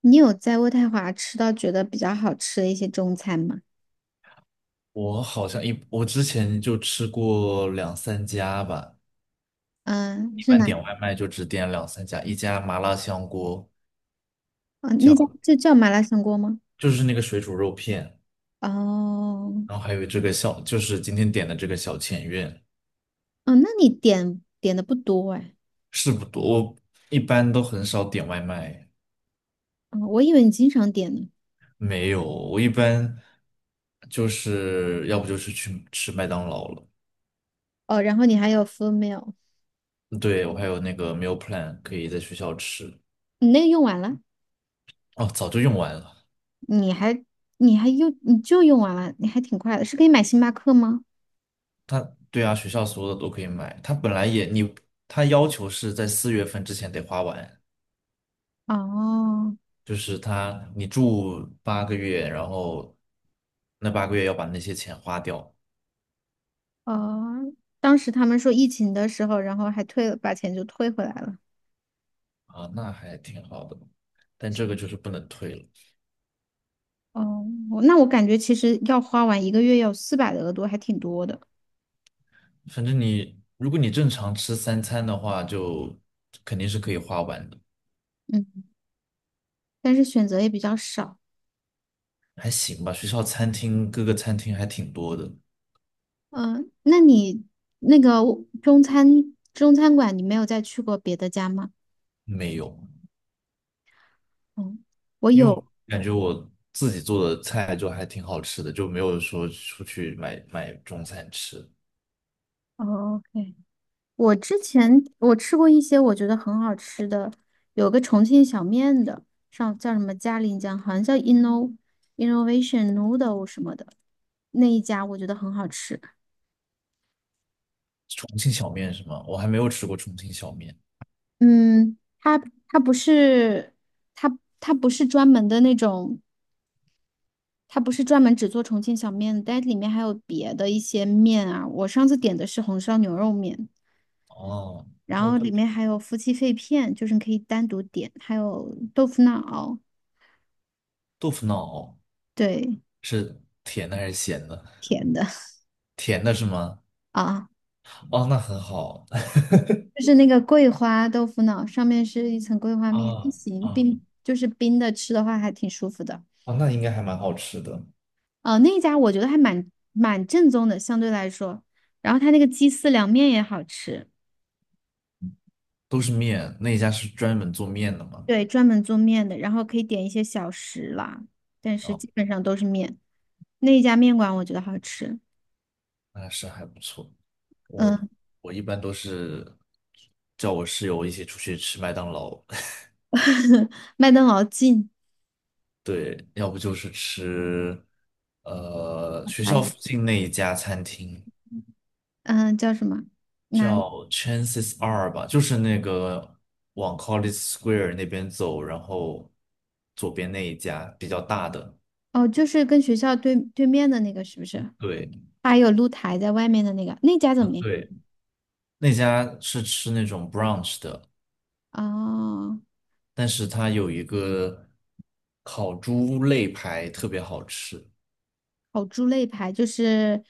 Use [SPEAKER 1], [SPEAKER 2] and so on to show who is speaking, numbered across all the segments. [SPEAKER 1] 你有在渥太华吃到觉得比较好吃的一些中餐吗？
[SPEAKER 2] 我好像一，我之前就吃过两三家吧。
[SPEAKER 1] 嗯，
[SPEAKER 2] 一
[SPEAKER 1] 是
[SPEAKER 2] 般
[SPEAKER 1] 哪？
[SPEAKER 2] 点外卖就只点两三家，一家麻辣香锅。
[SPEAKER 1] 啊，那家
[SPEAKER 2] 叫。
[SPEAKER 1] 就叫麻辣香锅吗？
[SPEAKER 2] 就是那个水煮肉片。
[SPEAKER 1] 哦。
[SPEAKER 2] 然后还有这个小，就是今天点的这个小前院。
[SPEAKER 1] 哦，那你点的不多哎。
[SPEAKER 2] 是不多，我一般都很少点外卖。
[SPEAKER 1] 哦，我以为你经常点呢。
[SPEAKER 2] 没有，我一般就是要不就是去吃麦当劳了。
[SPEAKER 1] 哦，然后你还有 full meal。
[SPEAKER 2] 对，我还有那个 meal plan 可以在学校吃。
[SPEAKER 1] 你那个用完了？
[SPEAKER 2] 哦，早就用完了。
[SPEAKER 1] 你还你用完了，你还挺快的，是可以买星巴克吗？
[SPEAKER 2] 对啊，学校所有的都可以买。他本来也你，他要求是在4月份之前得花完。
[SPEAKER 1] 哦。
[SPEAKER 2] 就是你住八个月，然后那八个月要把那些钱花掉。
[SPEAKER 1] 哦，当时他们说疫情的时候，然后还退了，把钱就退回来了。
[SPEAKER 2] 啊，那还挺好的。但这个就是不能退了。
[SPEAKER 1] 哦，我那我感觉其实要花完一个月要400的额度，还挺多的。
[SPEAKER 2] 反正如果你正常吃三餐的话，就肯定是可以花完的。
[SPEAKER 1] 嗯，但是选择也比较少。
[SPEAKER 2] 还行吧。学校餐厅各个餐厅还挺多的。
[SPEAKER 1] 嗯，那你那个中餐馆，你没有再去过别的家吗？
[SPEAKER 2] 没有。
[SPEAKER 1] 嗯，我
[SPEAKER 2] 因为我
[SPEAKER 1] 有。
[SPEAKER 2] 感觉我自己做的菜就还挺好吃的，就没有说出去买中餐吃。
[SPEAKER 1] 哦，OK。我之前我吃过一些我觉得很好吃的，有个重庆小面的，上叫什么嘉陵江，好像叫 Innovation Noodle 什么的，那一家我觉得很好吃。
[SPEAKER 2] 重庆小面是吗？我还没有吃过重庆小面。
[SPEAKER 1] 嗯，它不是它不是专门的那种，它不是专门只做重庆小面的，但里面还有别的一些面啊。我上次点的是红烧牛肉面，
[SPEAKER 2] 哦。
[SPEAKER 1] 然
[SPEAKER 2] 哦，
[SPEAKER 1] 后里面还有夫妻肺片，就是你可以单独点，还有豆腐脑。
[SPEAKER 2] 豆腐脑
[SPEAKER 1] 对，
[SPEAKER 2] 是甜的还是咸的？
[SPEAKER 1] 甜的。
[SPEAKER 2] 甜的是吗？
[SPEAKER 1] 啊，
[SPEAKER 2] 哦，那很好。
[SPEAKER 1] 就是那个桂花豆腐脑，上面是一层桂花
[SPEAKER 2] 啊
[SPEAKER 1] 面，还
[SPEAKER 2] 啊
[SPEAKER 1] 行，冰就是冰的，吃的话还挺舒服的。
[SPEAKER 2] 啊！那应该还蛮好吃的。
[SPEAKER 1] 哦，那一家我觉得还蛮正宗的，相对来说。然后他那个鸡丝凉面也好吃。
[SPEAKER 2] 都是面，那一家是专门做面的嘛？
[SPEAKER 1] 对，专门做面的，然后可以点一些小食啦，但是
[SPEAKER 2] 哦。
[SPEAKER 1] 基本上都是面。那一家面馆我觉得好吃。
[SPEAKER 2] 那是还不错。我
[SPEAKER 1] 嗯。
[SPEAKER 2] 我一般都是叫我室友一起出去吃麦当劳。
[SPEAKER 1] 麦当劳近。
[SPEAKER 2] 对，要不就是吃，学
[SPEAKER 1] 哎，
[SPEAKER 2] 校附近那一家餐厅
[SPEAKER 1] 嗯，叫什么？哪里？
[SPEAKER 2] 叫 Chances Are 吧，就是那个往 College Square 那边走，然后左边那一家比较大的。
[SPEAKER 1] 哦，就是跟学校对面的那个，是不是？
[SPEAKER 2] 对。
[SPEAKER 1] 它还有露台在外面的那个，那家怎
[SPEAKER 2] 啊
[SPEAKER 1] 么样？
[SPEAKER 2] 对，那家是吃那种 brunch 的，
[SPEAKER 1] 哦，
[SPEAKER 2] 但是它有一个烤猪肋排特别好吃。
[SPEAKER 1] 烤猪肋排就是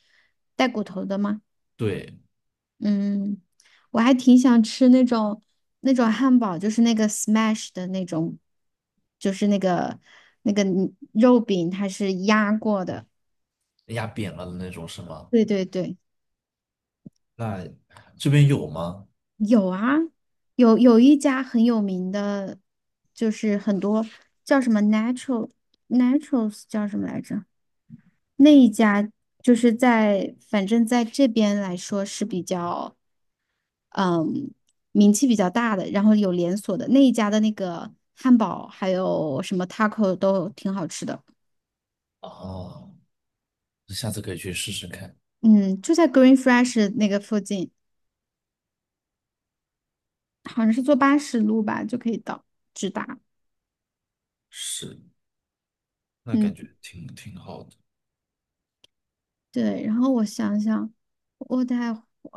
[SPEAKER 1] 带骨头的吗？
[SPEAKER 2] 对。
[SPEAKER 1] 嗯，我还挺想吃那种汉堡，就是那个 smash 的那种，就是那个肉饼它是压过的。
[SPEAKER 2] 压扁了的那种是吗？
[SPEAKER 1] 对对对。
[SPEAKER 2] 那这边有吗？
[SPEAKER 1] 有啊，有一家很有名的，就是很多叫什么 naturals 叫什么来着？那一家就是在反正在这边来说是比较。嗯，名气比较大的，然后有连锁的那一家的那个汉堡，还有什么 taco 都挺好吃的。
[SPEAKER 2] 哦，下次可以去试试看。
[SPEAKER 1] 嗯，就在 Green Fresh 那个附近，好像是坐80路吧就可以到，直达。
[SPEAKER 2] 是，那
[SPEAKER 1] 嗯，
[SPEAKER 2] 感觉挺好的。
[SPEAKER 1] 对。然后我想想，我在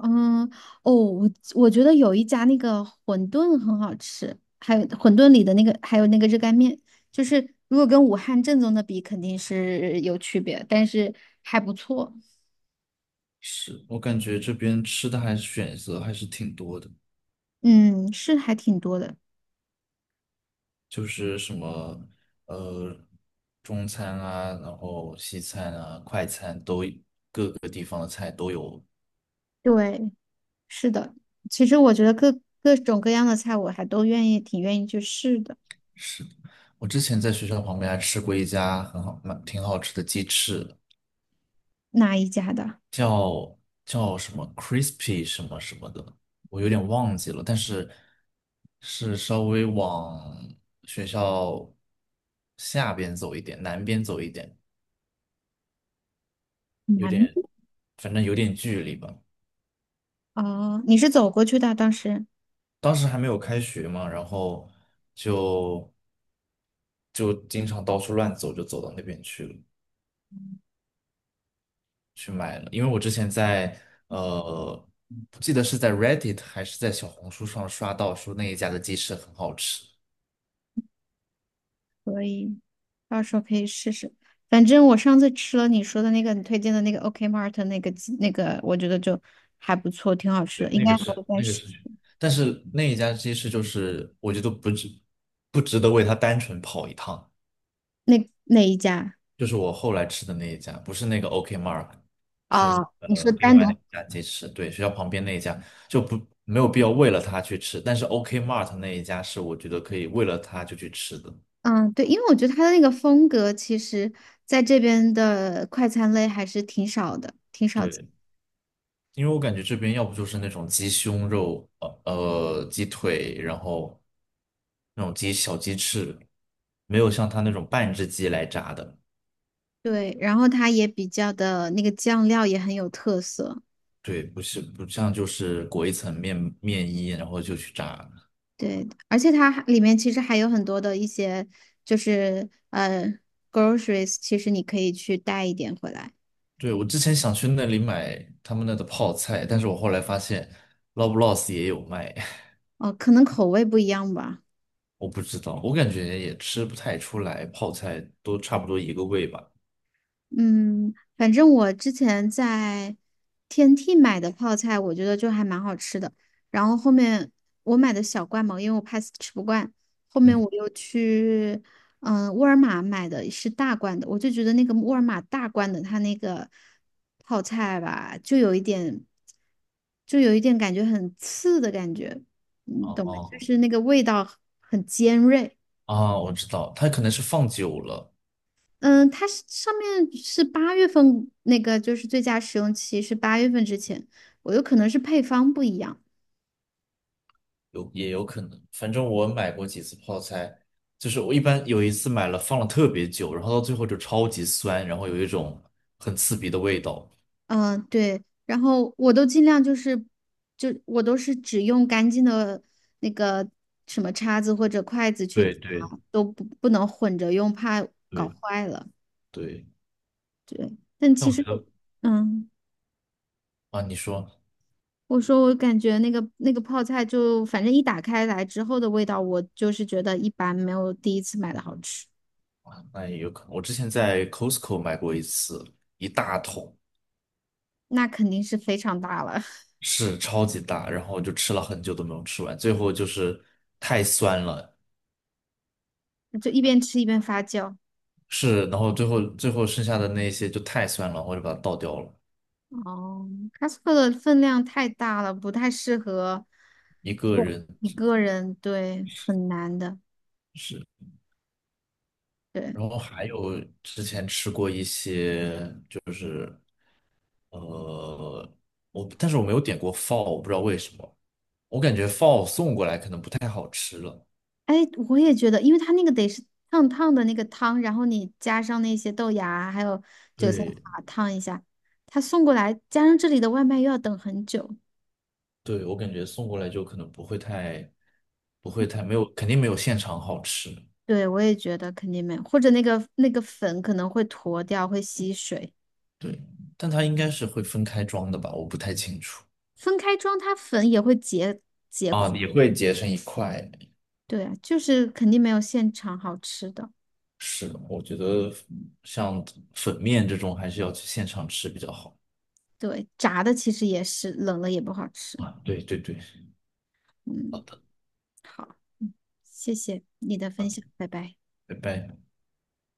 [SPEAKER 1] 嗯哦，我觉得有一家那个馄饨很好吃，还有馄饨里的那个，还有那个热干面。就是如果跟武汉正宗的比，肯定是有区别，但是还不错。
[SPEAKER 2] 是，我感觉这边吃的还是选择还是挺多的。
[SPEAKER 1] 嗯，是还挺多的。
[SPEAKER 2] 就是什么呃中餐啊，然后西餐啊，快餐都各个地方的菜都有。
[SPEAKER 1] 对，是的。其实我觉得各种各样的菜，我还都愿意，挺愿意去试的。
[SPEAKER 2] 是，我之前在学校旁边还吃过一家很好蛮挺好吃的鸡翅。
[SPEAKER 1] 哪一家的？
[SPEAKER 2] 叫叫什么 crispy 什么什么的，我有点忘记了，但是是稍微往学校下边走一点，南边走一点，有
[SPEAKER 1] 南
[SPEAKER 2] 点，反正有点距离吧。
[SPEAKER 1] 哦，你是走过去的，当时
[SPEAKER 2] 当时还没有开学嘛，然后就就经常到处乱走，就走到那边去了，去买了。因为我之前在呃，不记得是在 Reddit 还是在小红书上刷到说那一家的鸡翅很好吃。
[SPEAKER 1] 嗯到时候可以试试。反正我上次吃了你说的那个，你推荐的那个 OK Mart 那个鸡那个，我觉得就还不错，挺好吃
[SPEAKER 2] 对，
[SPEAKER 1] 的，应
[SPEAKER 2] 那
[SPEAKER 1] 该
[SPEAKER 2] 个
[SPEAKER 1] 还会
[SPEAKER 2] 是
[SPEAKER 1] 再试。
[SPEAKER 2] 但是那一家鸡翅就是我觉得不值得为它单纯跑一趟。
[SPEAKER 1] 那一家
[SPEAKER 2] 就是我后来吃的那一家，不是那个 OK Mark。是
[SPEAKER 1] 啊，哦你说
[SPEAKER 2] 另
[SPEAKER 1] 单独？
[SPEAKER 2] 外那家鸡翅。对，学校旁边那一家就不没有必要为了它去吃。但是 OK Mart 那一家是我觉得可以为了它就去吃的。
[SPEAKER 1] 嗯，对，因为我觉得它的那个风格，其实在这边的快餐类还是挺少的。
[SPEAKER 2] 对，因为我感觉这边要不就是那种鸡胸肉、鸡腿，然后那种小鸡翅，没有像它那种半只鸡来炸的。
[SPEAKER 1] 对，然后它也比较的那个酱料也很有特色。
[SPEAKER 2] 对，不像，就是裹一层面衣，然后就去炸。
[SPEAKER 1] 对，而且它还里面其实还有很多的一些就是groceries，其实你可以去带一点回来。
[SPEAKER 2] 对，我之前想去那里买他们那的泡菜，但是我后来发现 l o b l o s s 也有卖。
[SPEAKER 1] 哦，可能口味不一样吧。
[SPEAKER 2] 我不知道，我感觉也吃不太出来，泡菜都差不多一个味吧。
[SPEAKER 1] 嗯，反正我之前在天梯买的泡菜，我觉得就还蛮好吃的。然后后面我买的小罐嘛，因为我怕吃不惯，后面
[SPEAKER 2] 嗯。
[SPEAKER 1] 我又去沃尔玛买的是大罐的，我就觉得那个沃尔玛大罐的它那个泡菜吧，就有一点感觉很刺的感觉，
[SPEAKER 2] 哦
[SPEAKER 1] 你懂吗？就
[SPEAKER 2] 哦。
[SPEAKER 1] 是那个味道很尖锐。
[SPEAKER 2] 啊，我知道，它可能是放久了。
[SPEAKER 1] 嗯，它是上面是八月份那个，就是最佳使用期是八月份之前，我有可能是配方不一样。
[SPEAKER 2] 也有可能。反正我买过几次泡菜，就是我一般有一次买了放了特别久，然后到最后就超级酸，然后有一种很刺鼻的味道。
[SPEAKER 1] 嗯，对，然后我都尽量就是，就我都是只用干净的那个什么叉子或者筷子去
[SPEAKER 2] 对
[SPEAKER 1] 夹，
[SPEAKER 2] 对
[SPEAKER 1] 都不不能混着用，怕搞
[SPEAKER 2] 对。
[SPEAKER 1] 坏了。
[SPEAKER 2] 对，
[SPEAKER 1] 对，但
[SPEAKER 2] 但
[SPEAKER 1] 其
[SPEAKER 2] 我觉
[SPEAKER 1] 实，
[SPEAKER 2] 得
[SPEAKER 1] 嗯，
[SPEAKER 2] 啊，你说
[SPEAKER 1] 我说我感觉那个泡菜就反正一打开来之后的味道，我就是觉得一般，没有第一次买的好吃。
[SPEAKER 2] 那也有可能。我之前在 Costco 买过一次，一大桶。
[SPEAKER 1] 那肯定是非常大了。
[SPEAKER 2] 是超级大，然后我就吃了很久都没有吃完，最后就是太酸了。
[SPEAKER 1] 就一边吃一边发酵。
[SPEAKER 2] 是，然后最后剩下的那些就太酸了，我就把它倒掉了。
[SPEAKER 1] 哦 Costco 的分量太大了，不太适合
[SPEAKER 2] 一个
[SPEAKER 1] 对
[SPEAKER 2] 人。
[SPEAKER 1] 一个人，对，很难的。
[SPEAKER 2] 是。
[SPEAKER 1] 对。
[SPEAKER 2] 然后还有之前吃过一些，就是呃，但是我没有点过 f a l l。 我不知道为什么，我感觉 f a l l 送过来可能不太好吃了。
[SPEAKER 1] 哎，我也觉得，因为它那个得是烫烫的那个汤，然后你加上那些豆芽啊还有韭菜
[SPEAKER 2] 对。
[SPEAKER 1] 花烫一下，它送过来，加上这里的外卖又要等很久。
[SPEAKER 2] 对，我感觉送过来就可能不会太，不会太没有，肯定没有现场好吃。
[SPEAKER 1] 对，我也觉得肯定没有，或者那个粉可能会坨掉，会吸水。
[SPEAKER 2] 对，但它应该是会分开装的吧，我不太清楚。
[SPEAKER 1] 分开装，它粉也会结。
[SPEAKER 2] 啊，也会结成一块。
[SPEAKER 1] 对啊，就是肯定没有现场好吃的。
[SPEAKER 2] 是的，我觉得像粉面这种还是要去现场吃比较好。
[SPEAKER 1] 对，炸的其实也是，冷了也不好吃。
[SPEAKER 2] 啊，对对对。好
[SPEAKER 1] 嗯，
[SPEAKER 2] 的。
[SPEAKER 1] 好，嗯，谢谢你的
[SPEAKER 2] 好
[SPEAKER 1] 分
[SPEAKER 2] 的，
[SPEAKER 1] 享，拜拜。
[SPEAKER 2] 拜拜。